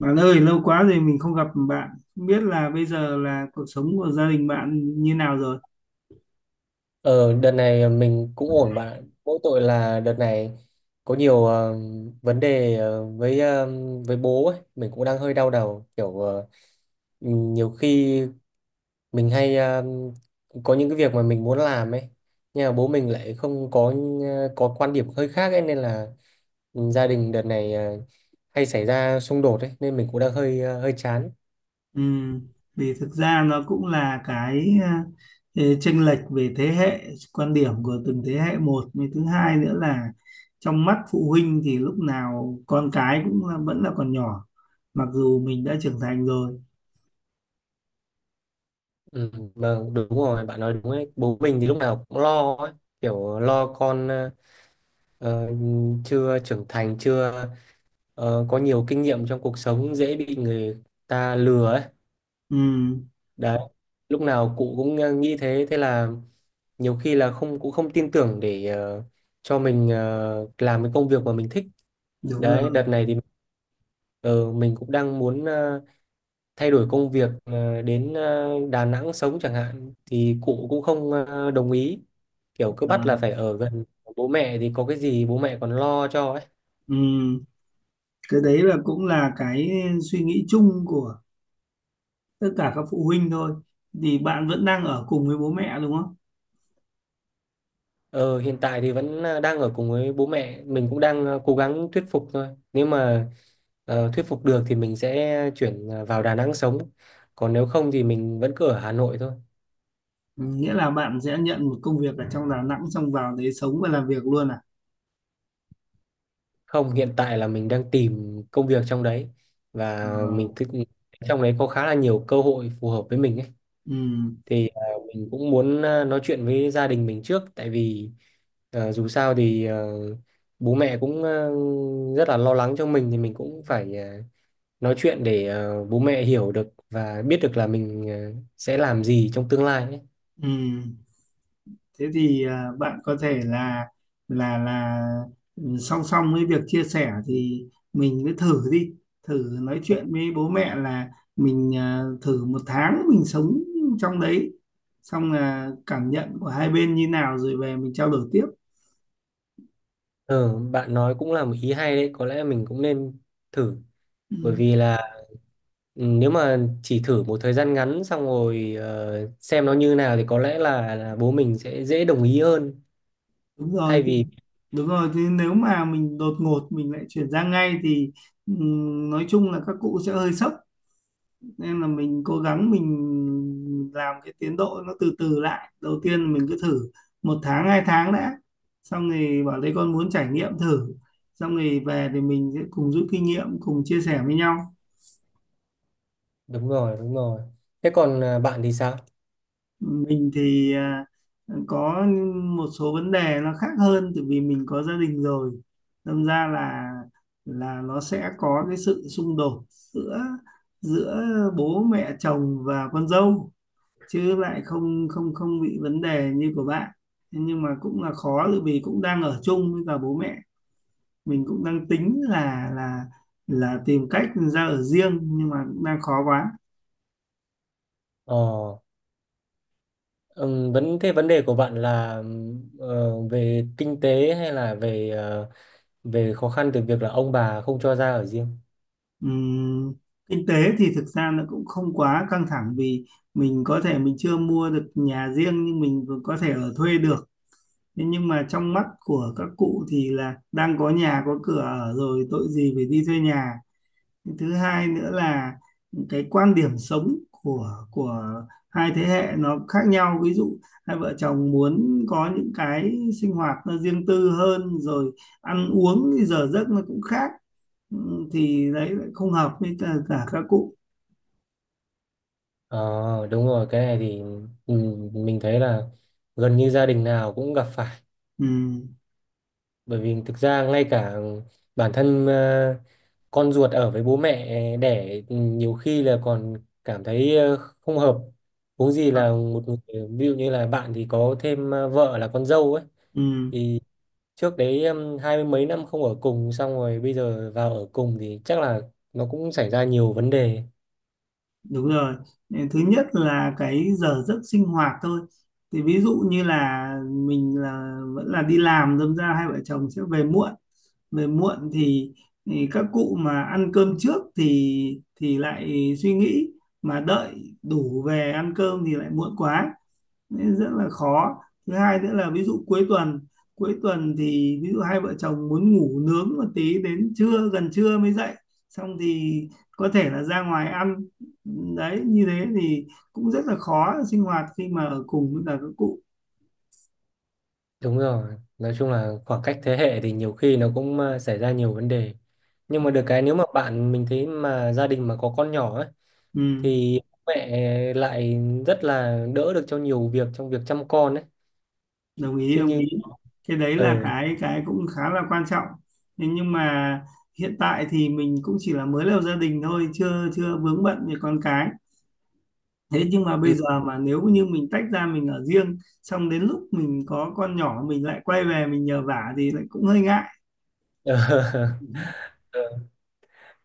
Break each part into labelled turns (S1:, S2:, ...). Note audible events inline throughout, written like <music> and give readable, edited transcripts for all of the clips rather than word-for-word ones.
S1: Bạn ơi, lâu quá rồi mình không gặp bạn. Không biết là bây giờ là cuộc sống của gia đình bạn như nào rồi?
S2: Ờ, Đợt này mình cũng ổn bạn ạ. Mỗi tội là đợt này có nhiều vấn đề với bố ấy, mình cũng đang hơi đau đầu kiểu nhiều khi mình hay có những cái việc mà mình muốn làm ấy, nhưng mà bố mình lại không có quan điểm hơi khác ấy nên là ừ, gia đình đợt này hay xảy ra xung đột ấy, nên mình cũng đang hơi chán.
S1: Ừ, vì thực ra nó cũng là cái chênh lệch về thế hệ, quan điểm của từng thế hệ một. Với thứ hai nữa là trong mắt phụ huynh thì lúc nào con cái cũng là, vẫn là còn nhỏ. Mặc dù mình đã trưởng thành rồi.
S2: Ừ, vâng, đúng rồi, bạn nói đúng ấy. Bố mình thì lúc nào cũng lo ấy, kiểu lo con ờ, chưa trưởng thành, chưa có nhiều kinh nghiệm trong cuộc sống, dễ bị người ta lừa ấy,
S1: Ừ,
S2: đấy, lúc nào cụ cũng nghĩ thế. Thế là nhiều khi là không, cũng không tin tưởng để cho mình làm cái công việc mà mình thích.
S1: đúng
S2: Đấy,
S1: rồi.
S2: đợt này thì ờ, mình cũng đang muốn thay đổi công việc, đến Đà Nẵng sống chẳng hạn, thì cụ cũng không đồng ý, kiểu cứ bắt
S1: À,
S2: là phải ở gần. Bố mẹ thì có cái gì bố mẹ còn lo cho.
S1: ừ, cái đấy là cũng là cái suy nghĩ chung của tất cả các phụ huynh thôi thì bạn vẫn đang ở cùng với bố mẹ đúng không?
S2: Ờ, Hiện tại thì vẫn đang ở cùng với bố mẹ, mình cũng đang cố gắng thuyết phục thôi. Nếu mà thuyết phục được thì mình sẽ chuyển vào Đà Nẵng sống, còn nếu không thì mình vẫn cứ ở Hà Nội thôi.
S1: Ừ, nghĩa là bạn sẽ nhận một công việc ở trong Đà Nẵng xong vào đấy sống và làm việc luôn à?
S2: Không, hiện tại là mình đang tìm công việc trong đấy, và
S1: Ờ,
S2: mình thích trong đấy có khá là nhiều cơ hội phù hợp với mình ấy.
S1: ừ,
S2: Thì mình cũng muốn nói chuyện với gia đình mình trước, tại vì dù sao thì bố mẹ cũng rất là lo lắng cho mình, thì mình cũng phải nói chuyện để bố mẹ hiểu được và biết được là mình sẽ làm gì trong tương lai ấy.
S1: ừ. Thế thì bạn có thể là là là ừ, song song với việc chia sẻ thì mình cứ thử đi, thử nói chuyện với bố mẹ là mình thử một tháng mình sống trong đấy, xong là cảm nhận của hai bên như nào rồi về mình trao đổi tiếp.
S2: Ờ, Bạn nói cũng là một ý hay đấy, có lẽ mình cũng nên thử.
S1: Ừ.
S2: Bởi vì là ừ, nếu mà chỉ thử một thời gian ngắn, xong rồi xem nó như nào, thì có lẽ là bố mình sẽ dễ đồng ý hơn
S1: Đúng rồi
S2: thay
S1: thì-
S2: vì
S1: đúng rồi thì nếu mà mình đột ngột mình lại chuyển sang ngay thì nói chung là các cụ sẽ hơi sốc, nên là mình cố gắng mình làm cái tiến độ nó từ từ lại, đầu tiên mình cứ thử một tháng hai tháng đã, xong rồi bảo đây con muốn trải nghiệm thử, xong rồi về thì mình sẽ cùng rút kinh nghiệm cùng chia sẻ với nhau.
S2: đúng rồi, đúng rồi. Thế còn bạn thì sao?
S1: Mình thì có một số vấn đề nó khác hơn, tại vì mình có gia đình rồi, đâm ra là nó sẽ có cái sự xung đột giữa giữa bố mẹ chồng và con dâu, chứ lại không không không bị vấn đề như của bạn. Thế nhưng mà cũng là khó tại vì cũng đang ở chung với cả bố mẹ, mình cũng đang tính là tìm cách ra ở riêng nhưng mà cũng đang khó quá.
S2: Ờ, vấn đề của bạn là về kinh tế hay là về khó khăn từ việc là ông bà không cho ra ở riêng?
S1: Ừm, kinh tế thì thực ra nó cũng không quá căng thẳng vì mình có thể mình chưa mua được nhà riêng nhưng mình vẫn có thể ở thuê được. Thế nhưng mà trong mắt của các cụ thì là đang có nhà có cửa ở rồi tội gì phải đi thuê nhà. Thứ hai nữa là cái quan điểm sống của hai thế hệ nó khác nhau, ví dụ hai vợ chồng muốn có những cái sinh hoạt nó riêng tư hơn, rồi ăn uống thì giờ giấc nó cũng khác. Ừ, thì đấy lại không hợp với cả các cụ.
S2: Ờ đúng rồi, cái này thì ừ, mình thấy là gần như gia đình nào cũng gặp phải,
S1: Ừ.
S2: bởi vì thực ra ngay cả bản thân con ruột ở với bố mẹ đẻ, ừ, nhiều khi là còn cảm thấy không hợp, huống gì là một người ví dụ như là bạn thì có thêm vợ là con dâu ấy.
S1: Ừ.
S2: Thì trước đấy hai mươi mấy năm không ở cùng, xong rồi bây giờ vào ở cùng thì chắc là nó cũng xảy ra nhiều vấn đề.
S1: Đúng rồi. Thứ nhất là cái giờ giấc sinh hoạt thôi. Thì ví dụ như là mình là vẫn là đi làm, đâm ra hai vợ chồng sẽ về muộn. Về muộn thì các cụ mà ăn cơm trước thì lại suy nghĩ, mà đợi đủ về ăn cơm thì lại muộn quá, nên rất là khó. Thứ hai nữa là ví dụ cuối tuần, cuối tuần thì ví dụ hai vợ chồng muốn ngủ nướng một tí đến trưa gần trưa mới dậy, xong thì có thể là ra ngoài ăn, đấy như thế thì cũng rất là khó sinh hoạt khi mà ở cùng với cả các cụ.
S2: Đúng rồi, nói chung là khoảng cách thế hệ thì nhiều khi nó cũng xảy ra nhiều vấn đề. Nhưng mà được cái, nếu mà bạn, mình thấy mà gia đình mà có con nhỏ ấy
S1: Ừ,
S2: thì mẹ lại rất là đỡ được cho nhiều việc trong việc chăm con ấy.
S1: đồng ý
S2: Chứ
S1: đồng
S2: như
S1: ý. Cái đấy là
S2: ờ
S1: cái cũng khá là quan trọng. Thế nhưng mà hiện tại thì mình cũng chỉ là mới lập gia đình thôi, chưa chưa vướng bận về con cái. Thế nhưng mà bây
S2: ừ,
S1: giờ mà nếu như mình tách ra mình ở riêng, xong đến lúc mình có con nhỏ mình lại quay về mình nhờ vả thì lại cũng hơi ngại.
S2: <laughs> ờ,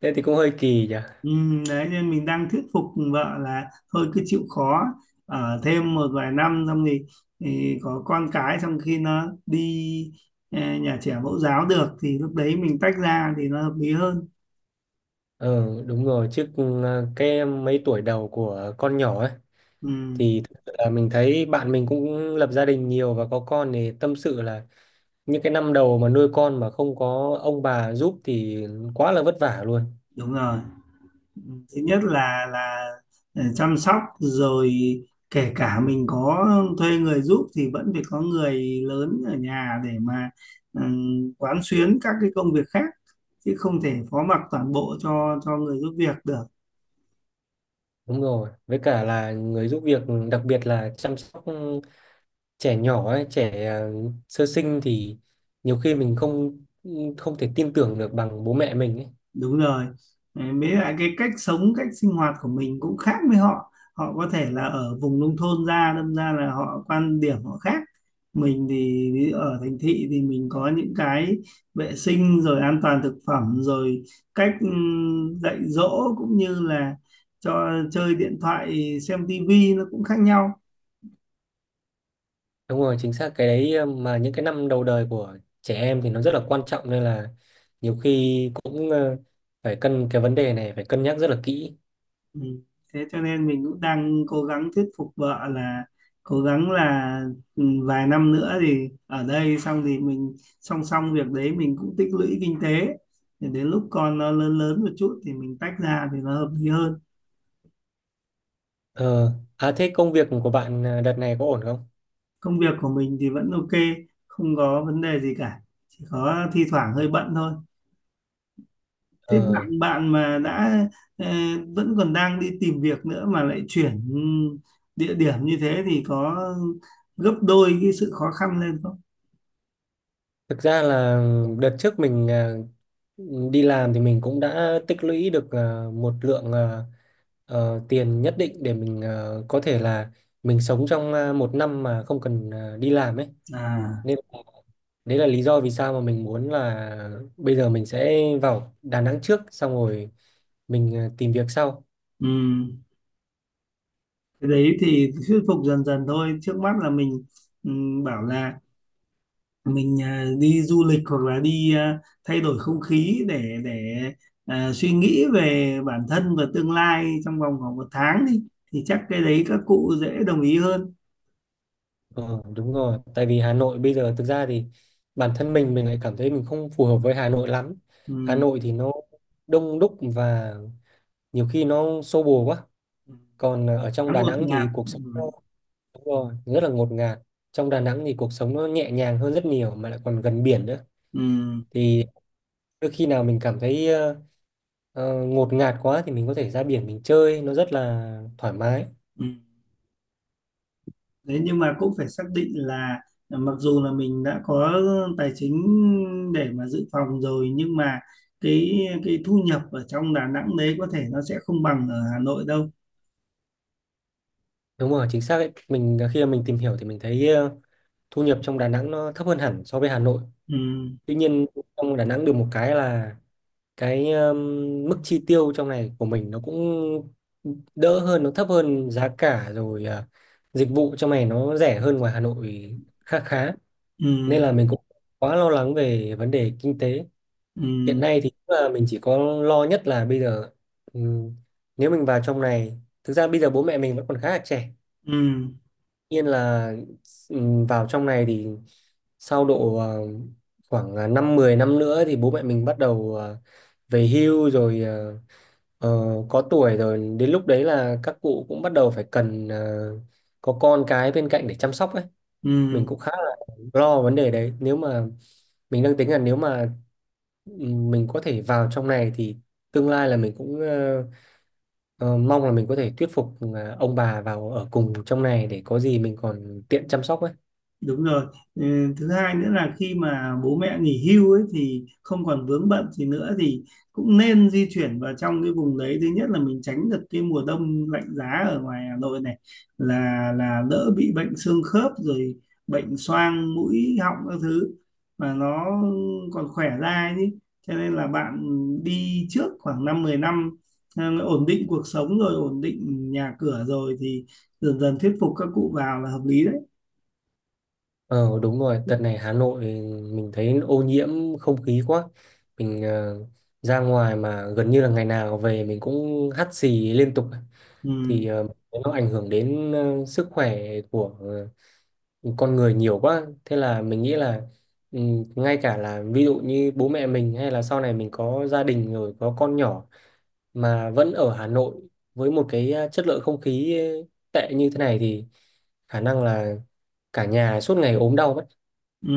S2: thế thì cũng hơi kỳ nhỉ.
S1: Ừ, đấy nên mình đang thuyết phục vợ là thôi cứ chịu khó ở thêm một vài năm xong thì có con cái xong khi nó đi nhà trẻ mẫu giáo được thì lúc đấy mình tách ra thì nó hợp lý hơn.
S2: Ờ đúng rồi, chứ cái mấy tuổi đầu của con nhỏ ấy
S1: Ừ,
S2: thì thực sự là mình thấy bạn mình cũng lập gia đình nhiều và có con thì tâm sự là những cái năm đầu mà nuôi con mà không có ông bà giúp thì quá là vất vả luôn.
S1: đúng rồi. Thứ nhất là chăm sóc rồi, kể cả mình có thuê người giúp thì vẫn phải có người lớn ở nhà để mà quán xuyến các cái công việc khác, chứ không thể phó mặc toàn bộ cho người giúp việc được.
S2: Đúng rồi, với cả là người giúp việc, đặc biệt là chăm sóc trẻ nhỏ ấy, trẻ sơ sinh, thì nhiều khi mình không không thể tin tưởng được bằng bố mẹ mình ấy.
S1: Đúng rồi. Đấy, mới lại cái cách sống cách sinh hoạt của mình cũng khác với họ, họ có thể là ở vùng nông thôn ra đâm ra là họ quan điểm họ khác. Mình thì ví dụ ở thành thị thì mình có những cái vệ sinh rồi an toàn thực phẩm rồi cách dạy dỗ cũng như là cho chơi điện thoại xem tivi nó cũng khác nhau.
S2: Đúng rồi, chính xác cái đấy. Ờ, mà những cái năm đầu đời của trẻ em thì nó rất là quan trọng, nên là nhiều khi cũng phải cân cái vấn đề này, phải cân nhắc rất là kỹ.
S1: Ừ. Thế cho nên mình cũng đang cố gắng thuyết phục vợ là cố gắng là ừ, vài năm nữa thì ở đây xong thì mình song song việc đấy mình cũng tích lũy kinh tế để đến lúc con nó lớn lớn một chút thì mình tách ra thì nó hợp lý hơn.
S2: Ờ à, thế công việc của bạn đợt này có ổn không?
S1: Công việc của mình thì vẫn ok, không có vấn đề gì cả, chỉ có thi thoảng hơi bận thôi. Thế
S2: ờ
S1: bạn bạn mà đã ờ, vẫn còn đang đi tìm việc nữa mà lại chuyển địa điểm như thế thì có gấp đôi cái sự khó khăn lên không?
S2: Thực ra là đợt trước mình đi làm thì mình cũng đã tích lũy được một lượng tiền nhất định để mình có thể là mình sống trong một năm mà không cần đi làm ấy.
S1: À,
S2: Nên đấy là lý do vì sao mà mình muốn là bây giờ mình sẽ vào Đà Nẵng trước, xong rồi mình tìm việc sau.
S1: ừ. Cái đấy thì thuyết phục dần dần thôi. Trước mắt là mình ừ, bảo là mình đi du lịch hoặc là đi thay đổi không khí để à, suy nghĩ về bản thân và tương lai trong vòng khoảng một tháng đi, thì chắc cái đấy các cụ dễ đồng ý hơn.
S2: Ờ, đúng rồi, tại vì Hà Nội bây giờ thực ra thì bản thân mình lại cảm thấy mình không phù hợp với Hà Nội lắm. Hà Nội thì nó đông đúc, và nhiều khi nó xô bồ quá.
S1: Ừ.
S2: Còn ở trong
S1: Khá
S2: Đà
S1: ngột
S2: Nẵng
S1: ngạt,
S2: thì cuộc
S1: ừ.
S2: sống nó đúng rồi, rất là ngột ngạt. Trong Đà Nẵng thì cuộc sống nó nhẹ nhàng hơn rất nhiều, mà lại còn gần biển nữa,
S1: Ừ.
S2: thì đôi khi nào mình cảm thấy ngột ngạt quá thì mình có thể ra biển mình chơi, nó rất là thoải mái.
S1: Ừ. Đấy nhưng mà cũng phải xác định là mặc dù là mình đã có tài chính để mà dự phòng rồi nhưng mà cái thu nhập ở trong Đà Nẵng đấy có thể nó sẽ không bằng ở Hà Nội đâu.
S2: Đúng rồi, chính xác đấy, mình khi mà mình tìm hiểu thì mình thấy thu nhập trong Đà Nẵng nó thấp hơn hẳn so với Hà Nội.
S1: Ừ.
S2: Tuy nhiên, trong Đà Nẵng được một cái là cái mức chi tiêu trong này của mình nó cũng đỡ hơn, nó thấp hơn, giá cả rồi dịch vụ trong này nó rẻ hơn ngoài Hà Nội khá khá. Nên
S1: Ừ.
S2: là mình cũng quá lo lắng về vấn đề kinh tế. Hiện
S1: Ừ.
S2: nay thì cũng là mình chỉ có lo nhất là bây giờ, ừm, nếu mình vào trong này, thực ra bây giờ bố mẹ mình vẫn còn khá là trẻ,
S1: Ừ.
S2: nhiên là vào trong này thì sau độ khoảng năm 10 năm nữa thì bố mẹ mình bắt đầu về hưu rồi, ờ, có tuổi rồi, đến lúc đấy là các cụ cũng bắt đầu phải cần có con cái bên cạnh để chăm sóc ấy. Mình
S1: Ừ.
S2: cũng khá là lo vấn đề đấy, nếu mà mình đang tính là nếu mà mình có thể vào trong này thì tương lai là mình cũng mong là mình có thể thuyết phục là ông bà vào ở cùng trong này để có gì mình còn tiện chăm sóc ấy.
S1: Đúng rồi. Ừ, thứ hai nữa là khi mà bố mẹ nghỉ hưu ấy thì không còn vướng bận gì nữa thì cũng nên di chuyển vào trong cái vùng đấy. Thứ nhất là mình tránh được cái mùa đông lạnh giá ở ngoài Hà Nội này, là đỡ bị bệnh xương khớp rồi bệnh xoang mũi họng các thứ, mà nó còn khỏe ra ấy chứ. Cho nên là bạn đi trước khoảng 5 10 năm ổn định cuộc sống rồi ổn định nhà cửa rồi thì dần dần thuyết phục các cụ vào là hợp lý đấy.
S2: Ờ Đúng rồi, đợt này Hà Nội mình thấy ô nhiễm không khí quá. Mình ra ngoài mà gần như là ngày nào về mình cũng hắt xì liên tục ấy.
S1: Ừ.
S2: Thì nó ảnh hưởng đến sức khỏe của con người nhiều quá, thế là mình nghĩ là ừ, ngay cả là ví dụ như bố mẹ mình hay là sau này mình có gia đình rồi có con nhỏ mà vẫn ở Hà Nội, với một cái chất lượng không khí tệ như thế này, thì khả năng là cả nhà suốt ngày ốm đau mất.
S1: Ừ,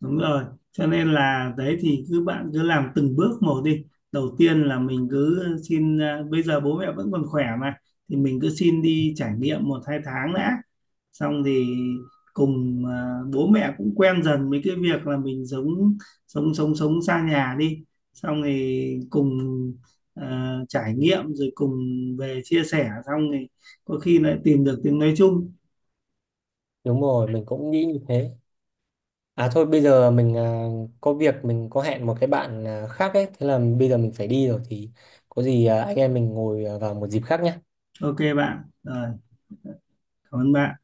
S1: đúng rồi. Cho nên là đấy thì cứ bạn cứ làm từng bước một đi. Đầu tiên là mình cứ xin à, bây giờ bố mẹ vẫn còn khỏe mà, thì mình cứ xin đi trải nghiệm một hai tháng đã. Xong thì cùng à, bố mẹ cũng quen dần với cái việc là mình sống sống sống sống xa nhà đi. Xong thì cùng à, trải nghiệm rồi cùng về chia sẻ xong thì có khi lại tìm được tiếng nói chung.
S2: Đúng rồi, mình cũng nghĩ như thế. À thôi, bây giờ mình có việc, mình có hẹn một cái bạn khác ấy, thế là bây giờ mình phải đi rồi, thì có gì anh em mình ngồi vào một dịp khác nhé.
S1: Ok bạn. Rồi, cảm ơn bạn.